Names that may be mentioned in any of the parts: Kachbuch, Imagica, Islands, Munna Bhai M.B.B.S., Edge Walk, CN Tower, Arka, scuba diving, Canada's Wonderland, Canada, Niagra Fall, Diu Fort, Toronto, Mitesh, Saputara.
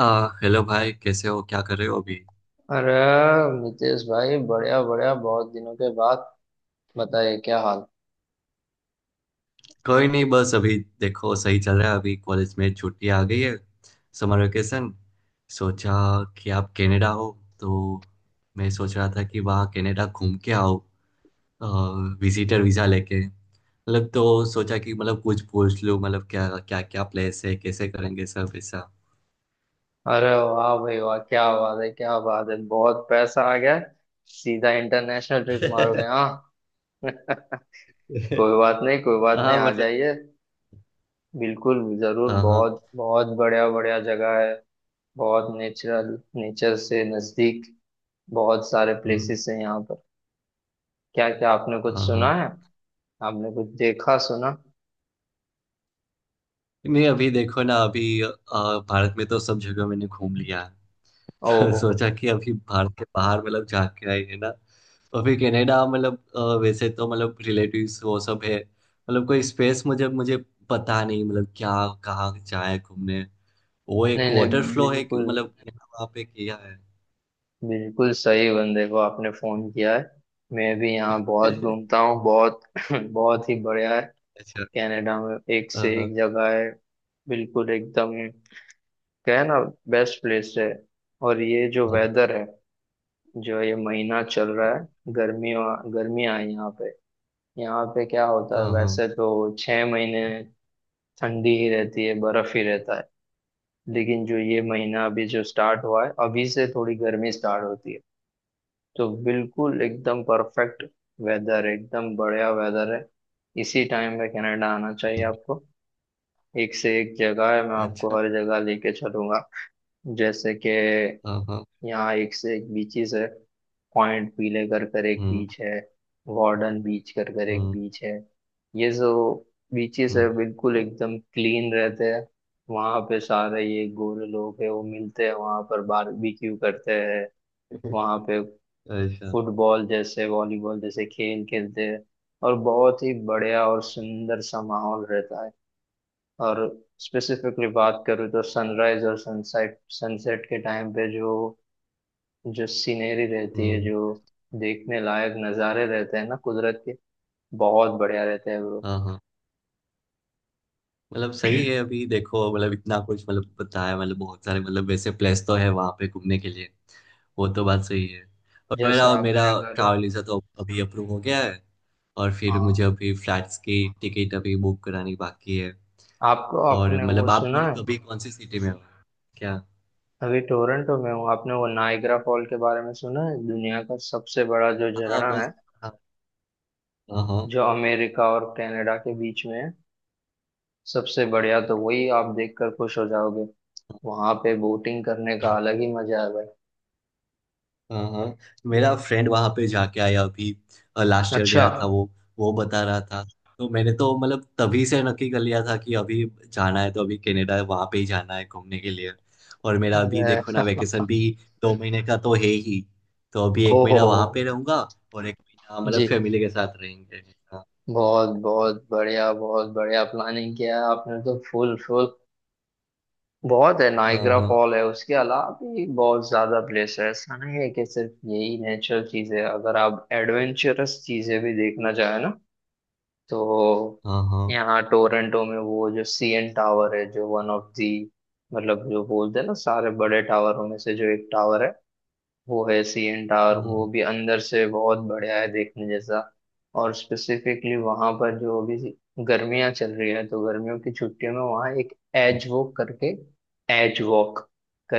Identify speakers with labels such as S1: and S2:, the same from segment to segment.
S1: Hello भाई, कैसे हो? क्या कर रहे हो अभी?
S2: अरे मितेश भाई, बढ़िया बढ़िया, बहुत दिनों के बाद। बताइए क्या हाल।
S1: कोई नहीं। बस अभी देखो सही चल रहा है। अभी कॉलेज में छुट्टी आ गई है, समर वेकेशन। सोचा कि आप कनाडा हो, तो मैं सोच रहा था कि वहाँ कनाडा घूम के आओ, विजिटर वीजा लेके। मतलब तो सोचा कि मतलब कुछ पूछ लूँ, मतलब क्या क्या क्या प्लेस है, कैसे करेंगे सब ऐसा।
S2: अरे वाह भाई वाह, क्या बात है क्या बात है, बहुत पैसा आ गया। सीधा इंटरनेशनल ट्रिप मारोगे, हाँ? कोई बात नहीं, कोई बात नहीं,
S1: हाँ,
S2: आ
S1: मतलब
S2: जाइए। बिल्कुल, जरूर।
S1: हाँ हाँ।
S2: बहुत बहुत बढ़िया बढ़िया जगह है। बहुत नेचुरल, नेचर से नजदीक। बहुत सारे
S1: हम्म।
S2: प्लेसेस हैं यहाँ पर। क्या क्या आपने कुछ
S1: हाँ
S2: सुना
S1: हाँ।
S2: है? आपने कुछ देखा सुना?
S1: नहीं, अभी देखो ना, अभी भारत में तो सब जगह मैंने घूम लिया।
S2: ओहो।
S1: सोचा कि अभी भारत के बाहर मतलब जाके के आए है ना। और फिर कनाडा मतलब वैसे तो मतलब रिलेटिव्स वो सब है, मतलब कोई स्पेस मुझे मुझे पता नहीं मतलब क्या, कहाँ जाए घूमने। वो एक
S2: नहीं
S1: वाटर
S2: नहीं,
S1: फ्लो है कि
S2: बिल्कुल,
S1: मतलब वहाँ पे किया है।
S2: बिल्कुल सही बंदे को आपने फोन किया है। मैं भी यहाँ बहुत घूमता हूँ, बहुत बहुत ही बढ़िया है।
S1: अच्छा।
S2: कनाडा में एक से
S1: हाँ
S2: एक जगह है। बिल्कुल एकदम। क्या है ना, बेस्ट प्लेस है। और ये जो
S1: हाँ
S2: वेदर है, जो ये महीना चल रहा है, गर्मियों, गर्मियाँ हैं यहाँ पे। यहाँ पे क्या होता है
S1: हाँ।
S2: वैसे तो, 6 महीने ठंडी ही रहती है, बर्फ ही रहता है। लेकिन जो ये महीना अभी जो स्टार्ट हुआ है, अभी से थोड़ी गर्मी स्टार्ट होती है। तो बिल्कुल एकदम परफेक्ट वेदर, एकदम बढ़िया वेदर है। इसी टाइम पे कनाडा आना चाहिए आपको। एक से एक जगह है, मैं आपको
S1: अच्छा।
S2: हर जगह लेके चलूंगा। जैसे कि
S1: हाँ।
S2: यहाँ एक से एक बीचेस है। पॉइंट पीले कर कर एक
S1: हम्म।
S2: बीच है। वार्डन बीच कर कर एक
S1: हम्म।
S2: बीच है। ये जो बीचेस है,
S1: हम्म।
S2: बिल्कुल एकदम क्लीन रहते हैं। वहाँ पे सारे ये गोरे लोग हैं, वो मिलते हैं वहाँ पर, बारबेक्यू करते हैं वहाँ पे।
S1: अच्छा।
S2: फुटबॉल जैसे, वॉलीबॉल जैसे खेल खेलते हैं। और बहुत ही बढ़िया और सुंदर सा माहौल रहता है। और स्पेसिफिकली बात करूँ तो, सनराइज और सनसेट सनसेट के टाइम पे जो जो सीनरी रहती है,
S1: हम्म।
S2: जो देखने लायक नज़ारे रहते हैं ना कुदरत के, बहुत बढ़िया रहते हैं ब्रो।
S1: हाँ हाँ। मतलब सही है, अभी देखो मतलब इतना कुछ मतलब बताया, मतलब बहुत सारे मतलब वैसे प्लेस तो है वहाँ पे घूमने के लिए। वो तो बात सही है। और
S2: जैसे
S1: मेरा मेरा
S2: आपने अगर,
S1: ट्रैवल वीज़ा तो अभी अप्रूव हो गया है, और फिर मुझे
S2: हाँ,
S1: अभी फ्लैट्स की टिकट अभी बुक करानी बाकी है।
S2: आपको
S1: और
S2: आपने वो
S1: मतलब आप
S2: सुना है,
S1: मतलब अभी कौन सी सिटी में हो? क्या?
S2: अभी टोरंटो में हूँ। आपने वो नाइग्रा फॉल के बारे में सुना है? दुनिया का सबसे बड़ा जो
S1: हाँ,
S2: झरना है,
S1: बस। हाँ हाँ
S2: जो अमेरिका और कनाडा के बीच में है। सबसे बढ़िया तो वही, आप देखकर खुश हो जाओगे। वहां पे बोटिंग करने का
S1: हाँ।
S2: अलग ही मजा है भाई।
S1: हाँ हाँ। मेरा फ्रेंड वहां पे जाके आया अभी। लास्ट ईयर
S2: अच्छा।
S1: गया था वो। वो बता रहा था। तो मैंने तो मतलब तभी से नक्की कर लिया था कि अभी जाना है तो अभी कनाडा वहां पे ही जाना है घूमने के लिए। और मेरा अभी
S2: अरे
S1: देखो ना, वेकेशन भी 2 महीने का तो है ही। तो अभी एक
S2: ओहो
S1: महीना वहां पे रहूंगा, और एक महीना
S2: जी।
S1: मतलब फैमिली के साथ रहेंगे। हाँ।
S2: बहुत बहुत बढ़िया, बहुत बढ़िया प्लानिंग किया है आपने तो, फुल फुल। बहुत है, नाइग्रा
S1: हाँ
S2: फॉल है, उसके अलावा भी बहुत ज्यादा प्लेस है। ऐसा नहीं है कि सिर्फ यही नेचुरल चीज है, अगर आप एडवेंचरस चीजें भी देखना चाहें ना, तो
S1: हाँ हाँ।
S2: यहाँ टोरंटो में वो जो सीएन टावर है, जो वन ऑफ दी, मतलब जो बोलते हैं ना, सारे बड़े टावरों में से जो एक टावर है, वो है सीएन टावर। वो
S1: हम्म।
S2: भी अंदर से बहुत बढ़िया है देखने जैसा। और स्पेसिफिकली वहां पर जो अभी गर्मियां चल रही है, तो गर्मियों की छुट्टियों में वहाँ एक
S1: हम्म।
S2: एज वॉक करके, एज वॉक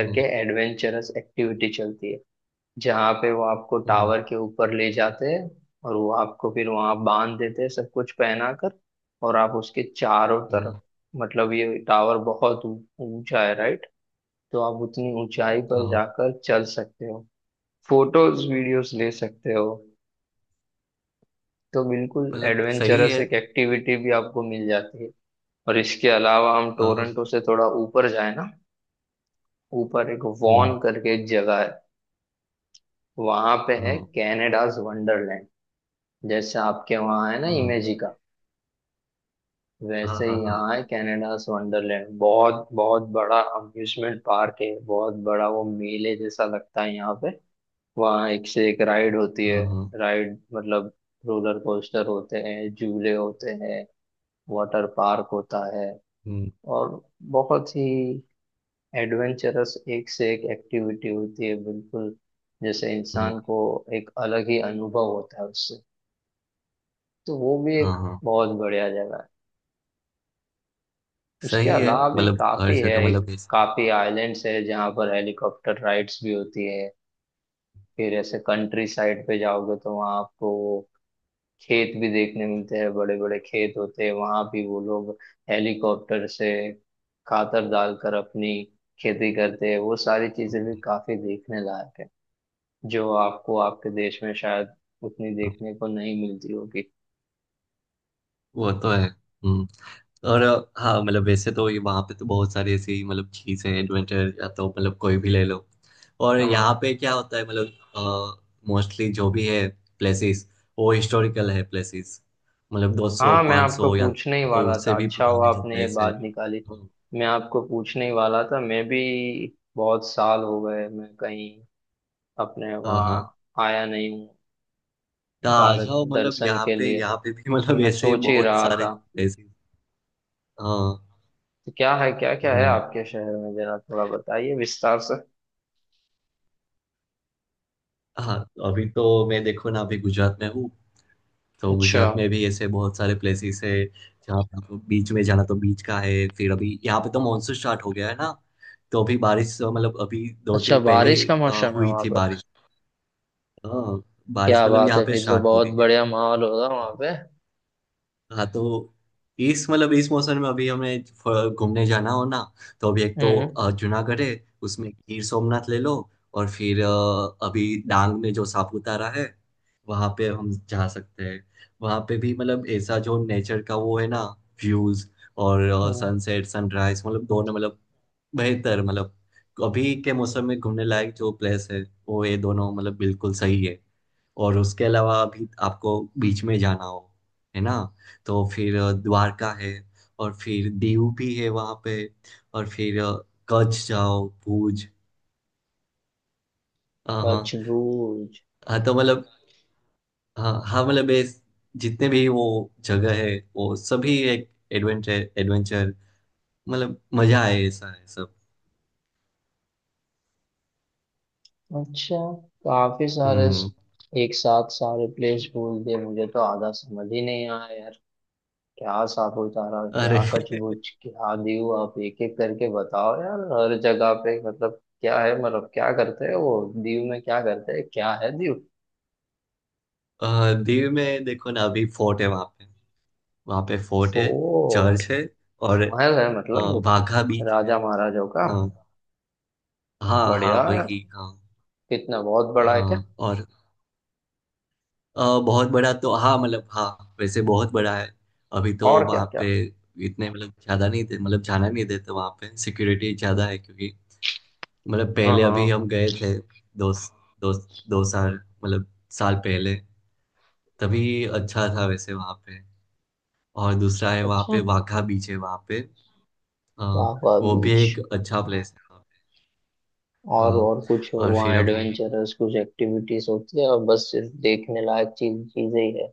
S1: हम्म।
S2: एडवेंचरस एक्टिविटी चलती है, जहाँ पे वो आपको
S1: हम्म।
S2: टावर के ऊपर ले जाते हैं और वो आपको फिर वहां बांध देते हैं सब कुछ पहना कर। और आप उसके चारों तरफ,
S1: हाँ
S2: मतलब ये टावर बहुत ऊंचा है राइट। तो आप उतनी ऊंचाई
S1: हाँ।
S2: पर
S1: हाँ।
S2: जाकर चल सकते हो, फोटोज वीडियोस ले सकते हो। तो बिल्कुल
S1: मतलब सही
S2: एडवेंचरस
S1: है।
S2: एक एक्टिविटी भी आपको मिल जाती है। और इसके अलावा हम
S1: हाँ हाँ।
S2: टोरंटो से थोड़ा ऊपर जाए ना, ऊपर एक
S1: हम्म।
S2: वॉन करके एक जगह है, वहां पे है
S1: हाँ
S2: कैनेडाज वंडरलैंड। जैसे आपके वहाँ है ना
S1: हाँ
S2: इमेजी का,
S1: हाँ।
S2: वैसे ही
S1: हाँ हाँ
S2: यहाँ है कनाडास वंडरलैंड। बहुत बहुत बड़ा अम्यूजमेंट पार्क है, बहुत बड़ा। वो मेले जैसा लगता है यहाँ पे। वहाँ एक से एक राइड होती है।
S1: हाँ हाँ।
S2: राइड मतलब रोलर कोस्टर होते हैं, झूले होते हैं, वाटर पार्क होता है।
S1: हम्म।
S2: और बहुत ही एडवेंचरस एक से एक एक्टिविटी होती है, बिल्कुल। जैसे
S1: हम्म।
S2: इंसान को एक अलग ही अनुभव होता है उससे। तो वो भी
S1: हाँ
S2: एक
S1: हाँ।
S2: बहुत बढ़िया जगह है। उसके
S1: सही है,
S2: अलावा भी
S1: मतलब हर
S2: काफी है।
S1: जगह
S2: एक
S1: मतलब ऐसे।
S2: काफी आइलैंड्स है जहाँ पर हेलीकॉप्टर राइड्स भी होती है। फिर ऐसे कंट्री साइड पे जाओगे तो वहाँ आपको खेत भी देखने मिलते हैं। बड़े बड़े खेत होते हैं वहाँ भी। वो लोग हेलीकॉप्टर से खातर डालकर अपनी खेती करते हैं। वो सारी चीजें भी काफी देखने लायक है, जो आपको आपके देश में शायद उतनी
S1: हाँ,
S2: देखने को नहीं मिलती होगी।
S1: वो तो है। और हाँ मतलब वैसे तो ये वहाँ पे तो बहुत सारी ऐसी मतलब चीज़ें हैं, एडवेंचर या तो मतलब कोई भी ले लो। और यहाँ
S2: हाँ
S1: पे क्या होता है मतलब मोस्टली जो भी है प्लेसेस वो हिस्टोरिकल है प्लेसेस। मतलब 200
S2: हाँ, मैं
S1: पाँच
S2: आपको
S1: सौ या
S2: पूछने ही
S1: तो
S2: वाला
S1: उससे
S2: था।
S1: भी
S2: अच्छा हुआ
S1: पुराने जो
S2: आपने ये
S1: प्लेस है।
S2: बात निकाली। मैं आपको पूछने ही वाला था। मैं भी बहुत साल हो गए, मैं कहीं अपने
S1: हाँ हाँ।
S2: वहाँ आया नहीं हूँ।
S1: तो आ
S2: भारत
S1: जाओ, मतलब
S2: दर्शन के लिए
S1: यहाँ पे भी
S2: तो
S1: मतलब
S2: मैं
S1: ऐसे
S2: सोच ही
S1: बहुत
S2: रहा
S1: सारे
S2: था।
S1: प्लेसेस। हाँ।
S2: तो क्या है, क्या क्या है
S1: हम्म।
S2: आपके शहर में? जरा थोड़ा बताइए विस्तार से।
S1: हाँ। अभी तो मैं देखो ना, अभी गुजरात में हूँ। तो
S2: अच्छा।
S1: गुजरात में भी ऐसे बहुत सारे प्लेसेस है जहाँ पे आपको बीच में जाना तो बीच का है। फिर अभी यहाँ पे तो मानसून स्टार्ट हो गया है ना। तो अभी बारिश मतलब अभी दो
S2: अच्छा,
S1: दिन पहले
S2: बारिश का मौसम है
S1: हुई
S2: वहां
S1: थी
S2: पर।
S1: बारिश। हाँ, बारिश
S2: क्या
S1: मतलब
S2: बात
S1: यहाँ
S2: है,
S1: पे
S2: फिर तो
S1: स्टार्ट हो
S2: बहुत
S1: गई
S2: बढ़िया माहौल होगा
S1: है।
S2: वहां पे।
S1: हाँ, तो इस मतलब इस मौसम में अभी हमें घूमने जाना हो ना, तो अभी एक तो
S2: हम्म।
S1: जूनागढ़ है, उसमें गिर सोमनाथ ले लो। और फिर अभी डांग में जो सापुतारा है वहाँ पे हम जा सकते हैं। वहाँ पे भी मतलब ऐसा जो नेचर का वो है ना, व्यूज और
S2: हम्म,
S1: सनसेट सनराइज मतलब दोनों मतलब बेहतर, मतलब अभी के मौसम में घूमने लायक जो प्लेस है वो ये दोनों मतलब बिल्कुल सही है। और उसके अलावा भी आपको बीच में जाना हो, है ना? तो फिर द्वारका है, और फिर दीव भी है वहाँ पे, और फिर कच्छ जाओ भुज। हाँ हाँ।
S2: सचमुच।
S1: हाँ, तो मतलब हाँ हाँ मतलब ये जितने भी वो जगह है वो सभी एक एडवेंचर एडवेंचर मतलब मजा आए ऐसा है सब।
S2: अच्छा, काफी सारे
S1: हम्म।
S2: स-, एक साथ सारे प्लेस बोल दिए, मुझे तो आधा समझ ही नहीं आया यार। क्या सापुतारा,
S1: अरे।
S2: क्या कचबुच, क्या दीव, आप एक एक करके बताओ यार। हर जगह पे मतलब क्या है, मतलब क्या करते हैं वो। दीव में क्या करते हैं? क्या है दीव?
S1: दीव में देखो ना, अभी फोर्ट है वहाँ पे। वहाँ पे फोर्ट है,
S2: फोर्ट।
S1: चर्च है, और
S2: महल है
S1: हाँ
S2: मतलब,
S1: वाघा बीच है।
S2: राजा महाराजाओं का?
S1: हाँ हाँ हाँ
S2: बढ़िया है।
S1: वही। हाँ।
S2: कितना, बहुत बड़ा है क्या?
S1: हाँ। और बहुत बड़ा तो हाँ मतलब हाँ वैसे बहुत बड़ा है। अभी तो
S2: और क्या
S1: वहाँ पे
S2: क्या?
S1: इतने मतलब ज्यादा नहीं थे मतलब जाना नहीं देते वहाँ पे, सिक्योरिटी ज्यादा है क्योंकि मतलब
S2: हाँ
S1: पहले
S2: हाँ।
S1: अभी हम गए थे दो दो दो साल मतलब साल पहले। तभी अच्छा था वैसे वहाँ पे। और दूसरा है वहाँ
S2: अच्छा।
S1: पे, वाघा बीच है वहाँ पे। अ,
S2: वाह वाह
S1: वो भी
S2: बीच।
S1: एक अच्छा प्लेस है वहाँ पे। हाँ।
S2: और कुछ
S1: और
S2: वहाँ
S1: फिर अभी
S2: एडवेंचरस कुछ एक्टिविटीज होती है? और बस सिर्फ देखने लायक चीजें ही है?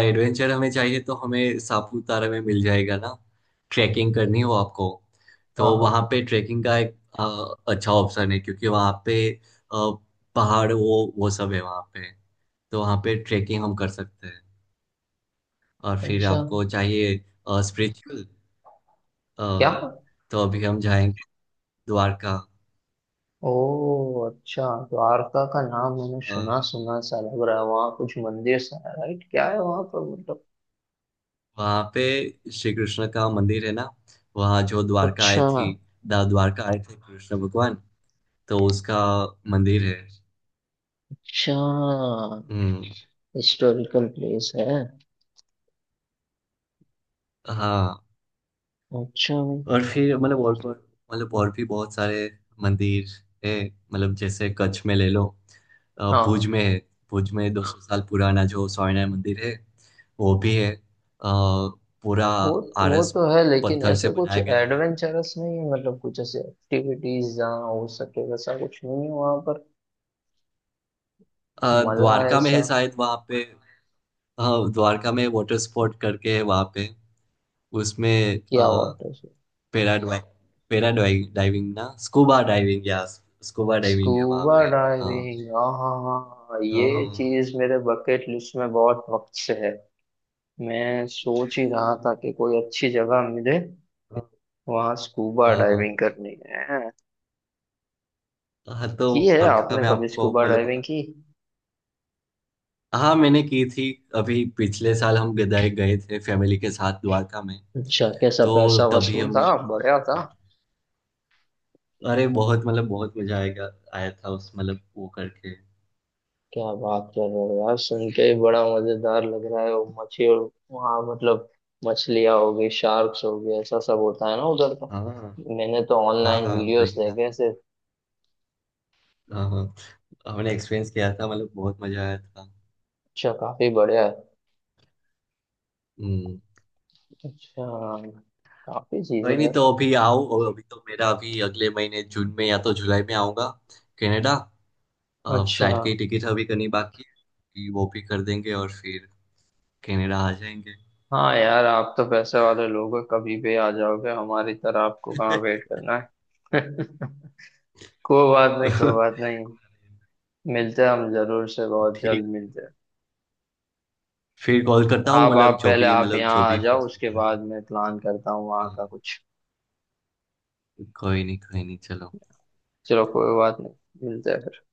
S1: एडवेंचर हमें चाहिए तो हमें सापुतारा में मिल जाएगा ना। ट्रैकिंग करनी हो आपको
S2: हाँ
S1: तो वहाँ
S2: हाँ।
S1: पे ट्रैकिंग का एक अच्छा ऑप्शन है क्योंकि वहाँ पे पहाड़ वो सब है वहाँ पे। तो वहाँ पे ट्रैकिंग हम कर सकते हैं। और फिर
S2: अच्छा।
S1: आपको चाहिए स्पिरिचुअल,
S2: क्या?
S1: तो अभी हम जाएंगे द्वारका।
S2: ओ, अच्छा। तो आरका का नाम मैंने
S1: अ,
S2: सुना सुना सा लग रहा है। वहाँ कुछ मंदिर सा है राइट? क्या है वहाँ पर मतलब?
S1: वहाँ पे श्री कृष्ण का मंदिर है ना। वहाँ जो द्वारका आए
S2: अच्छा।
S1: थी द्वारका आए थे कृष्ण भगवान, तो उसका मंदिर है।
S2: अच्छा,
S1: हम्म।
S2: हिस्टोरिकल प्लेस है।
S1: हाँ।
S2: अच्छा भाई।
S1: और फिर मतलब मतलब और भी बहुत सारे मंदिर है। मतलब जैसे कच्छ में ले लो, भुज
S2: हाँ,
S1: में है। भुज में 200 साल पुराना जो सौरनारायण मंदिर है वो भी है। पूरा
S2: वो वो
S1: आरस
S2: तो है, लेकिन
S1: पत्थर से
S2: ऐसा कुछ
S1: बनाया गया है।
S2: एडवेंचरस नहीं है, मतलब कुछ ऐसे एक्टिविटीज जहाँ हो सके वैसा कुछ नहीं है वहाँ पर? मजा
S1: द्वारका में है
S2: ऐसा।
S1: शायद वहाँ पे। हाँ, द्वारका में वाटर स्पोर्ट करके है वहाँ पे, उसमें
S2: क्या, वाटर से?
S1: पैराडाइविंग। पैराडाइविंग ना स्कूबा डाइविंग या स्कूबा डाइविंग है वहाँ
S2: स्कूबा
S1: पे। हाँ।
S2: डाइविंग, आहा। ये
S1: हाँ
S2: चीज मेरे बकेट लिस्ट में बहुत वक्त से है। मैं सोच ही रहा था कि कोई अच्छी जगह मिले,
S1: हाँ।
S2: वहां स्कूबा
S1: हाँ
S2: डाइविंग करनी है।
S1: हाँ, तो
S2: की है
S1: वार्का
S2: आपने
S1: में
S2: कभी
S1: आपको
S2: स्कूबा
S1: मतलब
S2: डाइविंग की?
S1: हाँ मैंने की थी। अभी पिछले साल हम गदाई गए थे फैमिली के साथ द्वारका में।
S2: अच्छा, कैसा,
S1: तो
S2: पैसा
S1: तभी
S2: वसूल
S1: हमने
S2: था, बढ़िया था?
S1: अरे बहुत मतलब बहुत मजा आएगा आया था उस मतलब वो करके।
S2: क्या बात कर रहे हो यार, सुन के ही बड़ा मजेदार लग रहा है। वो मछली और वहाँ मतलब, मछलियाँ हो गई, शार्क्स हो गए, ऐसा सब होता है ना उधर का?
S1: हाँ
S2: मैंने तो
S1: हाँ
S2: ऑनलाइन
S1: हाँ
S2: वीडियोस
S1: वही ना।
S2: देखे ऐसे।
S1: हाँ हाँ। हमने एक्सपीरियंस किया था मतलब बहुत मजा आया था।
S2: अच्छा, काफी बढ़िया है।
S1: हम्म।
S2: अच्छा, काफी चीजें
S1: कोई नहीं।
S2: हैं।
S1: तो अभी आओ। और अभी तो मेरा अभी अगले महीने जून में या तो जुलाई में आऊंगा कनाडा।
S2: अच्छा।
S1: फ्लाइट की टिकट अभी करनी बाकी है कि वो भी कर देंगे और फिर कनाडा आ जाएंगे।
S2: हाँ यार, आप तो पैसे वाले लोग हो, कभी भी आ जाओगे। हमारी तरह आपको कहाँ वेट करना है? कोई बात नहीं, कोई बात नहीं। मिलते हैं हम, जरूर से, बहुत
S1: ठीक।
S2: जल्द मिलते हैं।
S1: फिर कॉल करता हूँ
S2: आप आप पहले आप
S1: मतलब जो
S2: यहाँ आ
S1: भी
S2: जाओ,
S1: फिक्स
S2: उसके
S1: होता है।
S2: बाद मैं प्लान करता हूँ वहाँ
S1: हाँ,
S2: का कुछ।
S1: कोई नहीं कोई नहीं। चलो।
S2: चलो, कोई बात नहीं, मिलते हैं फिर।